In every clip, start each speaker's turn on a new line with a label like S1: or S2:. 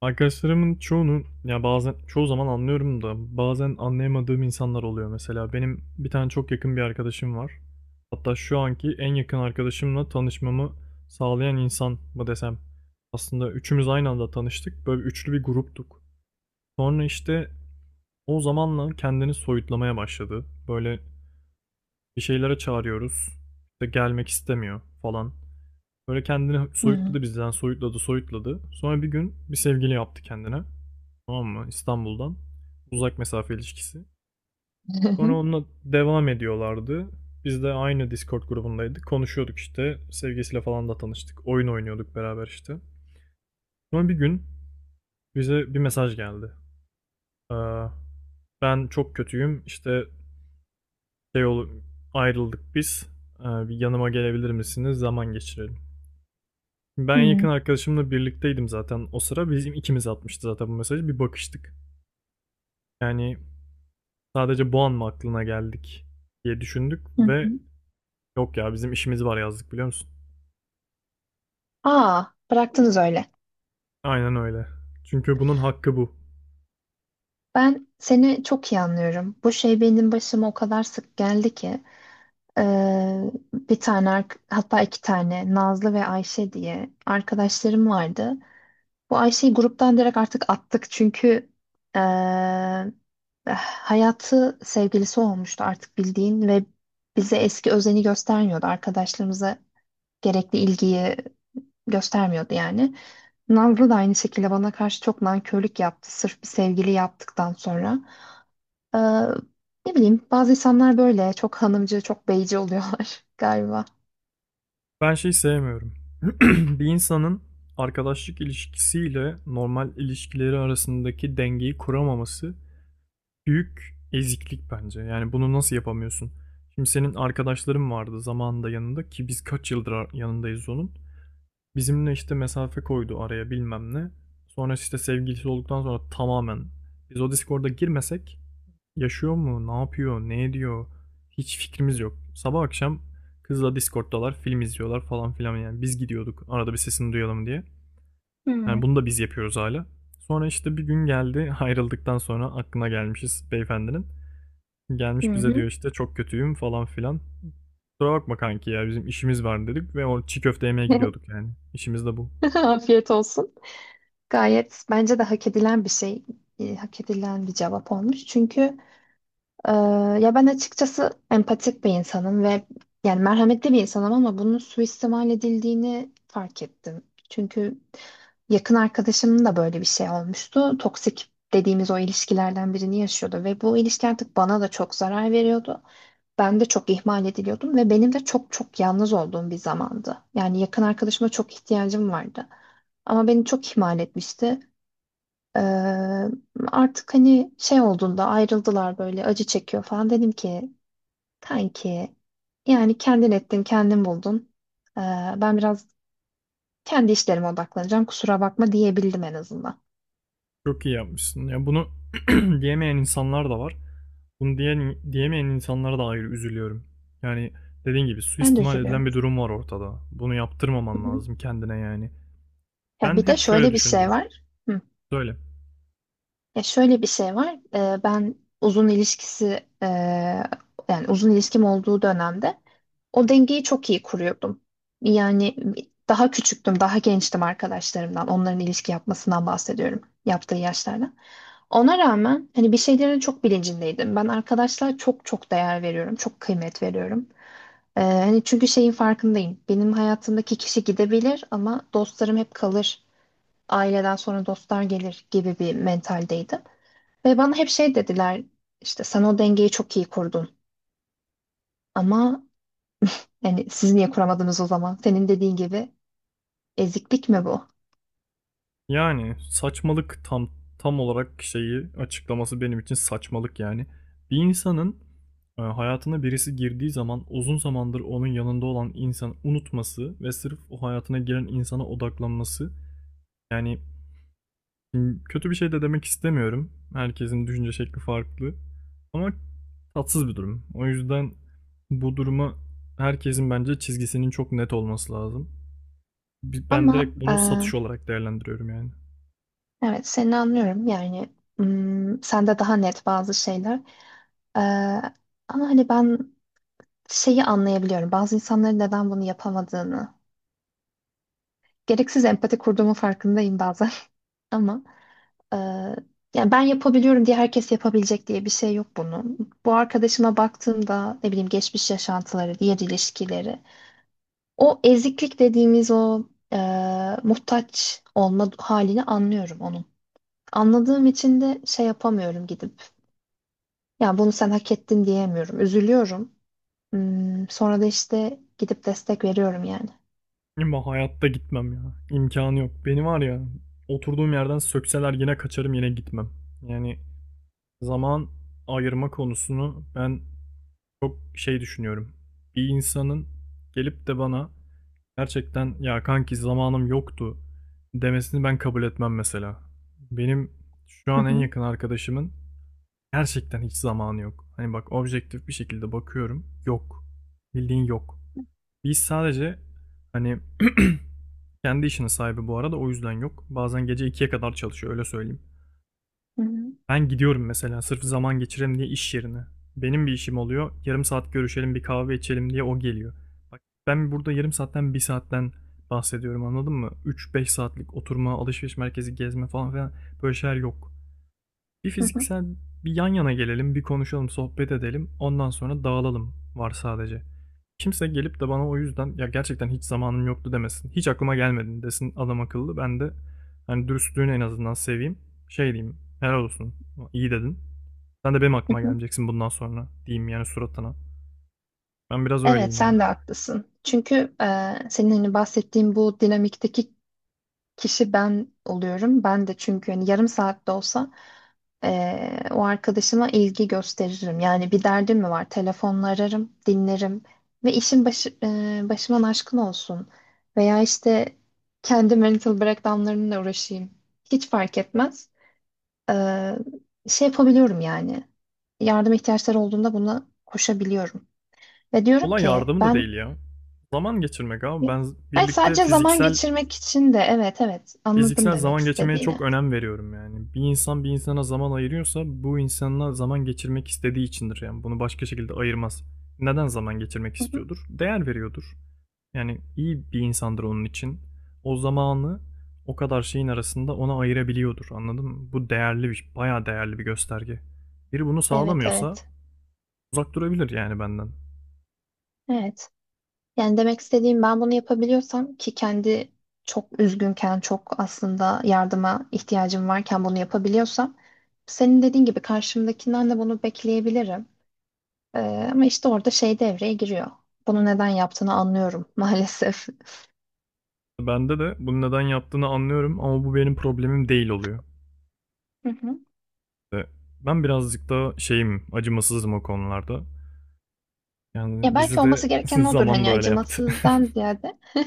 S1: Arkadaşlarımın çoğunu ya bazen çoğu zaman anlıyorum da bazen anlayamadığım insanlar oluyor mesela. Benim bir tane çok yakın bir arkadaşım var. Hatta şu anki en yakın arkadaşımla tanışmamı sağlayan insan mı desem. Aslında üçümüz aynı anda tanıştık. Böyle üçlü bir gruptuk. Sonra işte o zamanla kendini soyutlamaya başladı. Böyle bir şeylere çağırıyoruz. İşte gelmek istemiyor falan. Böyle kendini
S2: Hı. Hı.
S1: soyutladı bizden, soyutladı, soyutladı. Sonra bir gün bir sevgili yaptı kendine. Tamam mı? İstanbul'dan. Uzak mesafe ilişkisi. Sonra onunla devam ediyorlardı. Biz de aynı Discord grubundaydık. Konuşuyorduk işte. Sevgisiyle falan da tanıştık. Oyun oynuyorduk beraber işte. Sonra bir gün bize bir mesaj geldi. Ee, ben çok kötüyüm. İşte şey ol ayrıldık biz. Bir yanıma gelebilir misiniz? Zaman geçirelim. Ben
S2: Hı
S1: en yakın
S2: hı.
S1: arkadaşımla birlikteydim zaten o sıra. Bizim ikimiz atmıştı zaten bu mesajı. Bir bakıştık. Yani sadece bu an mı aklına geldik diye düşündük
S2: hı.
S1: ve yok ya bizim işimiz var yazdık biliyor musun?
S2: Aa, bıraktınız öyle.
S1: Aynen öyle. Çünkü bunun hakkı bu.
S2: Ben seni çok iyi anlıyorum. Bu şey benim başıma o kadar sık geldi ki bir tane hatta iki tane Nazlı ve Ayşe diye arkadaşlarım vardı. Bu Ayşe'yi gruptan direkt artık attık çünkü eee, hayatı sevgilisi olmuştu artık bildiğin ve bize eski özeni göstermiyordu. Arkadaşlarımıza gerekli ilgiyi göstermiyordu yani. Nazlı da aynı şekilde bana karşı çok nankörlük yaptı. Sırf bir sevgili yaptıktan sonra. Ee, Ne bileyim bazı insanlar böyle çok hanımcı, çok beyci oluyorlar galiba.
S1: Ben şeyi sevmiyorum. Bir insanın arkadaşlık ilişkisiyle normal ilişkileri arasındaki dengeyi kuramaması büyük eziklik bence. Yani bunu nasıl yapamıyorsun? Şimdi senin arkadaşların vardı zamanında yanında ki biz kaç yıldır yanındayız onun. Bizimle işte mesafe koydu araya bilmem ne. Sonra işte sevgilisi olduktan sonra tamamen biz o Discord'a girmesek yaşıyor mu, ne yapıyor, ne ediyor hiç fikrimiz yok. Sabah akşam kızla Discord'dalar, film izliyorlar falan filan yani biz gidiyorduk arada bir sesini duyalım diye.
S2: Hı
S1: Yani bunu da biz yapıyoruz hala. Sonra işte bir gün geldi ayrıldıktan sonra aklına gelmişiz beyefendinin. Gelmiş bize
S2: hı.
S1: diyor işte çok kötüyüm falan filan. Kusura bakma kanki ya bizim işimiz var dedik ve o çiğ köfte yemeye gidiyorduk yani. İşimiz de bu.
S2: Afiyet olsun. Gayet bence de hak edilen bir şey, e, hak edilen bir cevap olmuş. Çünkü Ee, ya ben açıkçası empatik bir insanım ve yani merhametli bir insanım ama bunun suistimal edildiğini fark ettim. Çünkü yakın arkadaşımın da böyle bir şey olmuştu. Toksik dediğimiz o ilişkilerden birini yaşıyordu ve bu ilişki artık bana da çok zarar veriyordu. Ben de çok ihmal ediliyordum ve benim de çok çok yalnız olduğum bir zamandı. Yani yakın arkadaşıma çok ihtiyacım vardı. Ama beni çok ihmal etmişti. Ee, Artık hani şey olduğunda ayrıldılar böyle acı çekiyor falan dedim ki kanki yani kendin ettin, kendin buldun. Ee, Ben biraz kendi işlerime odaklanacağım. Kusura bakma diyebildim en azından.
S1: Çok iyi yapmışsın. Ya bunu diyemeyen insanlar da var. Bunu diyen, diyemeyen insanlara da ayrı üzülüyorum. Yani dediğin gibi
S2: Ben de
S1: suistimal
S2: üzülüyorum.
S1: edilen bir durum var ortada. Bunu
S2: Hı
S1: yaptırmaman
S2: hı.
S1: lazım kendine yani.
S2: Ya
S1: Ben
S2: bir de
S1: hep şöyle
S2: şöyle bir şey
S1: düşündüm.
S2: var. Hı.
S1: Söyle.
S2: Ya şöyle bir şey var. Ben uzun ilişkisi e, yani uzun ilişkim olduğu dönemde o dengeyi çok iyi kuruyordum. Yani daha küçüktüm, daha gençtim arkadaşlarımdan. Onların ilişki yapmasından bahsediyorum. Yaptığı yaşlardan. Ona rağmen hani bir şeylerin çok bilincindeydim. Ben arkadaşlar çok çok değer veriyorum. Çok kıymet veriyorum. Hani çünkü şeyin farkındayım. Benim hayatımdaki kişi gidebilir ama dostlarım hep kalır. Aileden sonra dostlar gelir gibi bir mentaldeydim. Ve bana hep şey dediler işte sen o dengeyi çok iyi kurdun ama yani siz niye kuramadınız o zaman? Senin dediğin gibi eziklik mi bu?
S1: Yani saçmalık, tam olarak şeyi açıklaması benim için saçmalık yani. Bir insanın hayatına birisi girdiği zaman uzun zamandır onun yanında olan insan unutması ve sırf o hayatına giren insana odaklanması yani. Şimdi kötü bir şey de demek istemiyorum. Herkesin düşünce şekli farklı. Ama tatsız bir durum. O yüzden bu duruma herkesin bence çizgisinin çok net olması lazım. Ben
S2: Ama
S1: direkt
S2: e,
S1: bunu satış olarak değerlendiriyorum yani.
S2: evet seni anlıyorum yani hmm, sende daha net bazı şeyler. E, ama hani ben şeyi anlayabiliyorum bazı insanların neden bunu yapamadığını. Gereksiz empati kurduğumun farkındayım bazen ama. Ee, Yani ben yapabiliyorum diye herkes yapabilecek diye bir şey yok bunun. Bu arkadaşıma baktığımda ne bileyim geçmiş yaşantıları, diğer ilişkileri, o eziklik dediğimiz o e, muhtaç olma halini anlıyorum onun. Anladığım için de şey yapamıyorum gidip. Ya bunu sen hak ettin diyemiyorum. Üzülüyorum. Hmm, sonra da işte gidip destek veriyorum yani.
S1: Ama hayatta gitmem ya. İmkanı yok. Beni var ya, oturduğum yerden sökseler yine kaçarım, yine gitmem. Yani zaman ayırma konusunu ben çok şey düşünüyorum. Bir insanın gelip de bana gerçekten ya kanki zamanım yoktu" demesini ben kabul etmem mesela. Benim şu
S2: Hı
S1: an en
S2: hı,
S1: yakın arkadaşımın gerçekten hiç zamanı yok. Hani bak, objektif bir şekilde bakıyorum. Yok. Bildiğin yok. Biz sadece hani kendi işinin sahibi bu arada, o yüzden yok. Bazen gece 2'ye kadar çalışıyor, öyle söyleyeyim.
S2: hı hı,
S1: Ben gidiyorum mesela sırf zaman geçirelim diye iş yerine. Benim bir işim oluyor. Yarım saat görüşelim, bir kahve içelim diye o geliyor. Bak, ben burada yarım saatten, bir saatten bahsediyorum, anladın mı? Üç beş saatlik oturma, alışveriş merkezi gezme falan filan, böyle şeyler yok. Bir
S2: hı hı,
S1: fiziksel bir yan yana gelelim, bir konuşalım, sohbet edelim. Ondan sonra dağılalım var sadece. Kimse gelip de bana o yüzden "Ya, gerçekten hiç zamanım yoktu." demesin. "Hiç aklıma gelmedi" desin adam akıllı. Ben de, hani, dürüstlüğünü en azından seveyim. Şey diyeyim, "Helal olsun, iyi dedin. Sen de benim
S2: hı
S1: aklıma
S2: hı.
S1: gelmeyeceksin bundan sonra." diyeyim yani suratına. Ben biraz
S2: Evet,
S1: öyleyim ya.
S2: sen de haklısın. Çünkü e, senin hani bahsettiğin bu dinamikteki kişi ben oluyorum. Ben de çünkü hani yarım saatte olsa o arkadaşıma ilgi gösteririm. Yani bir derdim mi var? Telefonla ararım, dinlerim ve işin başı, e, başıman aşkın olsun. Veya işte kendi mental breakdownlarımla uğraşayım. Hiç fark etmez. Ee, Şey yapabiliyorum yani. Yardım ihtiyaçları olduğunda buna koşabiliyorum. Ve diyorum
S1: Olay
S2: ki
S1: yardımı da
S2: ben
S1: değil ya. Zaman geçirmek abi. Ben
S2: hayır,
S1: birlikte
S2: sadece zaman
S1: fiziksel
S2: geçirmek için de evet evet anladım
S1: fiziksel
S2: demek
S1: zaman geçirmeye çok
S2: istediğini.
S1: önem veriyorum yani. Bir insan bir insana zaman ayırıyorsa, bu insanla zaman geçirmek istediği içindir yani. Bunu başka şekilde ayırmaz. Neden zaman geçirmek
S2: Hı hı.
S1: istiyordur? Değer veriyordur. Yani iyi bir insandır onun için. O zamanı o kadar şeyin arasında ona ayırabiliyordur. Anladın mı? Bu değerli bir, bayağı değerli bir gösterge. Biri bunu
S2: Evet
S1: sağlamıyorsa
S2: evet.
S1: uzak durabilir yani benden.
S2: Evet. Yani demek istediğim ben bunu yapabiliyorsam ki kendi çok üzgünken, çok aslında yardıma ihtiyacım varken bunu yapabiliyorsam senin dediğin gibi karşımdakinden de bunu bekleyebilirim. Ama işte orada şey devreye giriyor. Bunu neden yaptığını anlıyorum maalesef.
S1: Bende de bunu neden yaptığını anlıyorum ama bu benim problemim değil oluyor.
S2: Hı hı.
S1: Ben birazcık daha şeyim, acımasızım o konularda.
S2: Ya
S1: Yani
S2: belki
S1: bizi de
S2: olması gereken odur
S1: zaman da
S2: hani
S1: öyle yaptı.
S2: acımasızdan ziyade.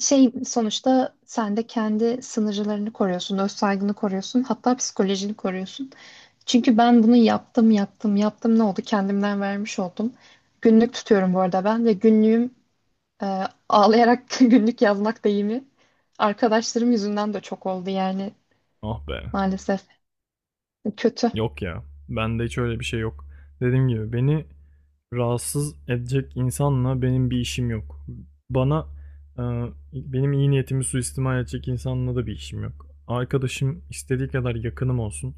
S2: Şey sonuçta sen de kendi sınırlarını koruyorsun, öz saygını koruyorsun, hatta psikolojini koruyorsun. Çünkü ben bunu yaptım ne oldu kendimden vermiş oldum. Günlük tutuyorum bu arada ben ve günlüğüm e, ağlayarak günlük yazmak deyimi arkadaşlarım yüzünden de çok oldu yani
S1: Ah be.
S2: maalesef kötü.
S1: Yok ya. Bende hiç öyle bir şey yok. Dediğim gibi beni rahatsız edecek insanla benim bir işim yok. Bana e, benim iyi niyetimi suistimal edecek insanla da bir işim yok. Arkadaşım istediği kadar yakınım olsun.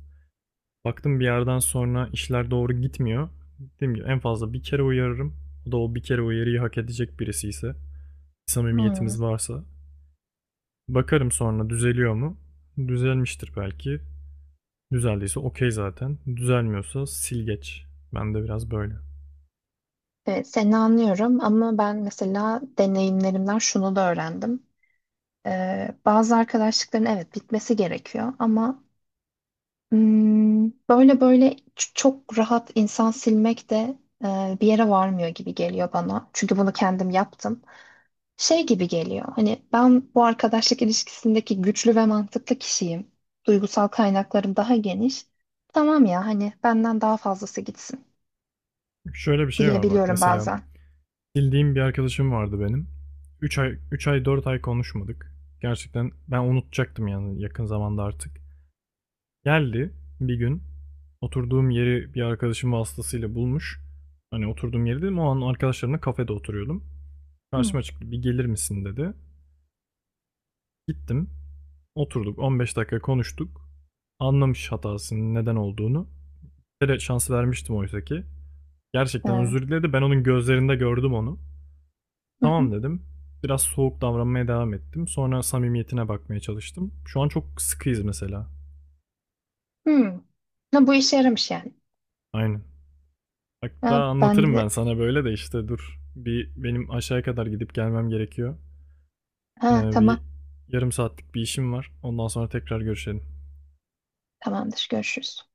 S1: Baktım bir yerden sonra işler doğru gitmiyor. Dediğim gibi en fazla bir kere uyarırım. O da o bir kere uyarıyı hak edecek birisi ise,
S2: Hmm.
S1: samimiyetimiz varsa. Bakarım sonra, düzeliyor mu? Düzelmiştir belki. Düzeldiyse okey zaten. Düzelmiyorsa sil geç. Ben de biraz böyle.
S2: Evet, seni anlıyorum ama ben mesela deneyimlerimden şunu da öğrendim. Bazı arkadaşlıkların evet bitmesi gerekiyor ama hmm, böyle böyle çok rahat insan silmek de e, bir yere varmıyor gibi geliyor bana. Çünkü bunu kendim yaptım. Şey gibi geliyor. Hani ben bu arkadaşlık ilişkisindeki güçlü ve mantıklı kişiyim. Duygusal kaynaklarım daha geniş. Tamam ya hani benden daha fazlası gitsin
S1: Şöyle bir şey var bak,
S2: diyebiliyorum
S1: mesela.
S2: bazen.
S1: Bildiğim bir arkadaşım vardı benim. 3 ay 3 ay 4 ay konuşmadık. Gerçekten ben unutacaktım yani yakın zamanda artık. Geldi bir gün, oturduğum yeri bir arkadaşım vasıtasıyla bulmuş. Hani oturduğum yeri dedim, o an arkadaşlarımla kafede oturuyordum.
S2: Hı.
S1: Karşıma çıktı, bir gelir misin dedi. Gittim. Oturduk 15 dakika konuştuk. Anlamış hatasının neden olduğunu. Bir kere şans vermiştim oysa ki. Gerçekten
S2: Ee,
S1: özür diledi. Ben onun gözlerinde gördüm onu.
S2: hı hı.
S1: Tamam dedim. Biraz soğuk davranmaya devam ettim. Sonra samimiyetine bakmaya çalıştım. Şu an çok sıkıyız mesela.
S2: Hmm. Ha, bu işe yaramış yani.
S1: Aynen. Hatta
S2: Ha, ben
S1: anlatırım
S2: de
S1: ben sana böyle de işte dur. Bir benim aşağıya kadar gidip gelmem gerekiyor.
S2: ha, tamam
S1: Bir yarım saatlik bir işim var. Ondan sonra tekrar görüşelim.
S2: tamamdır görüşürüz.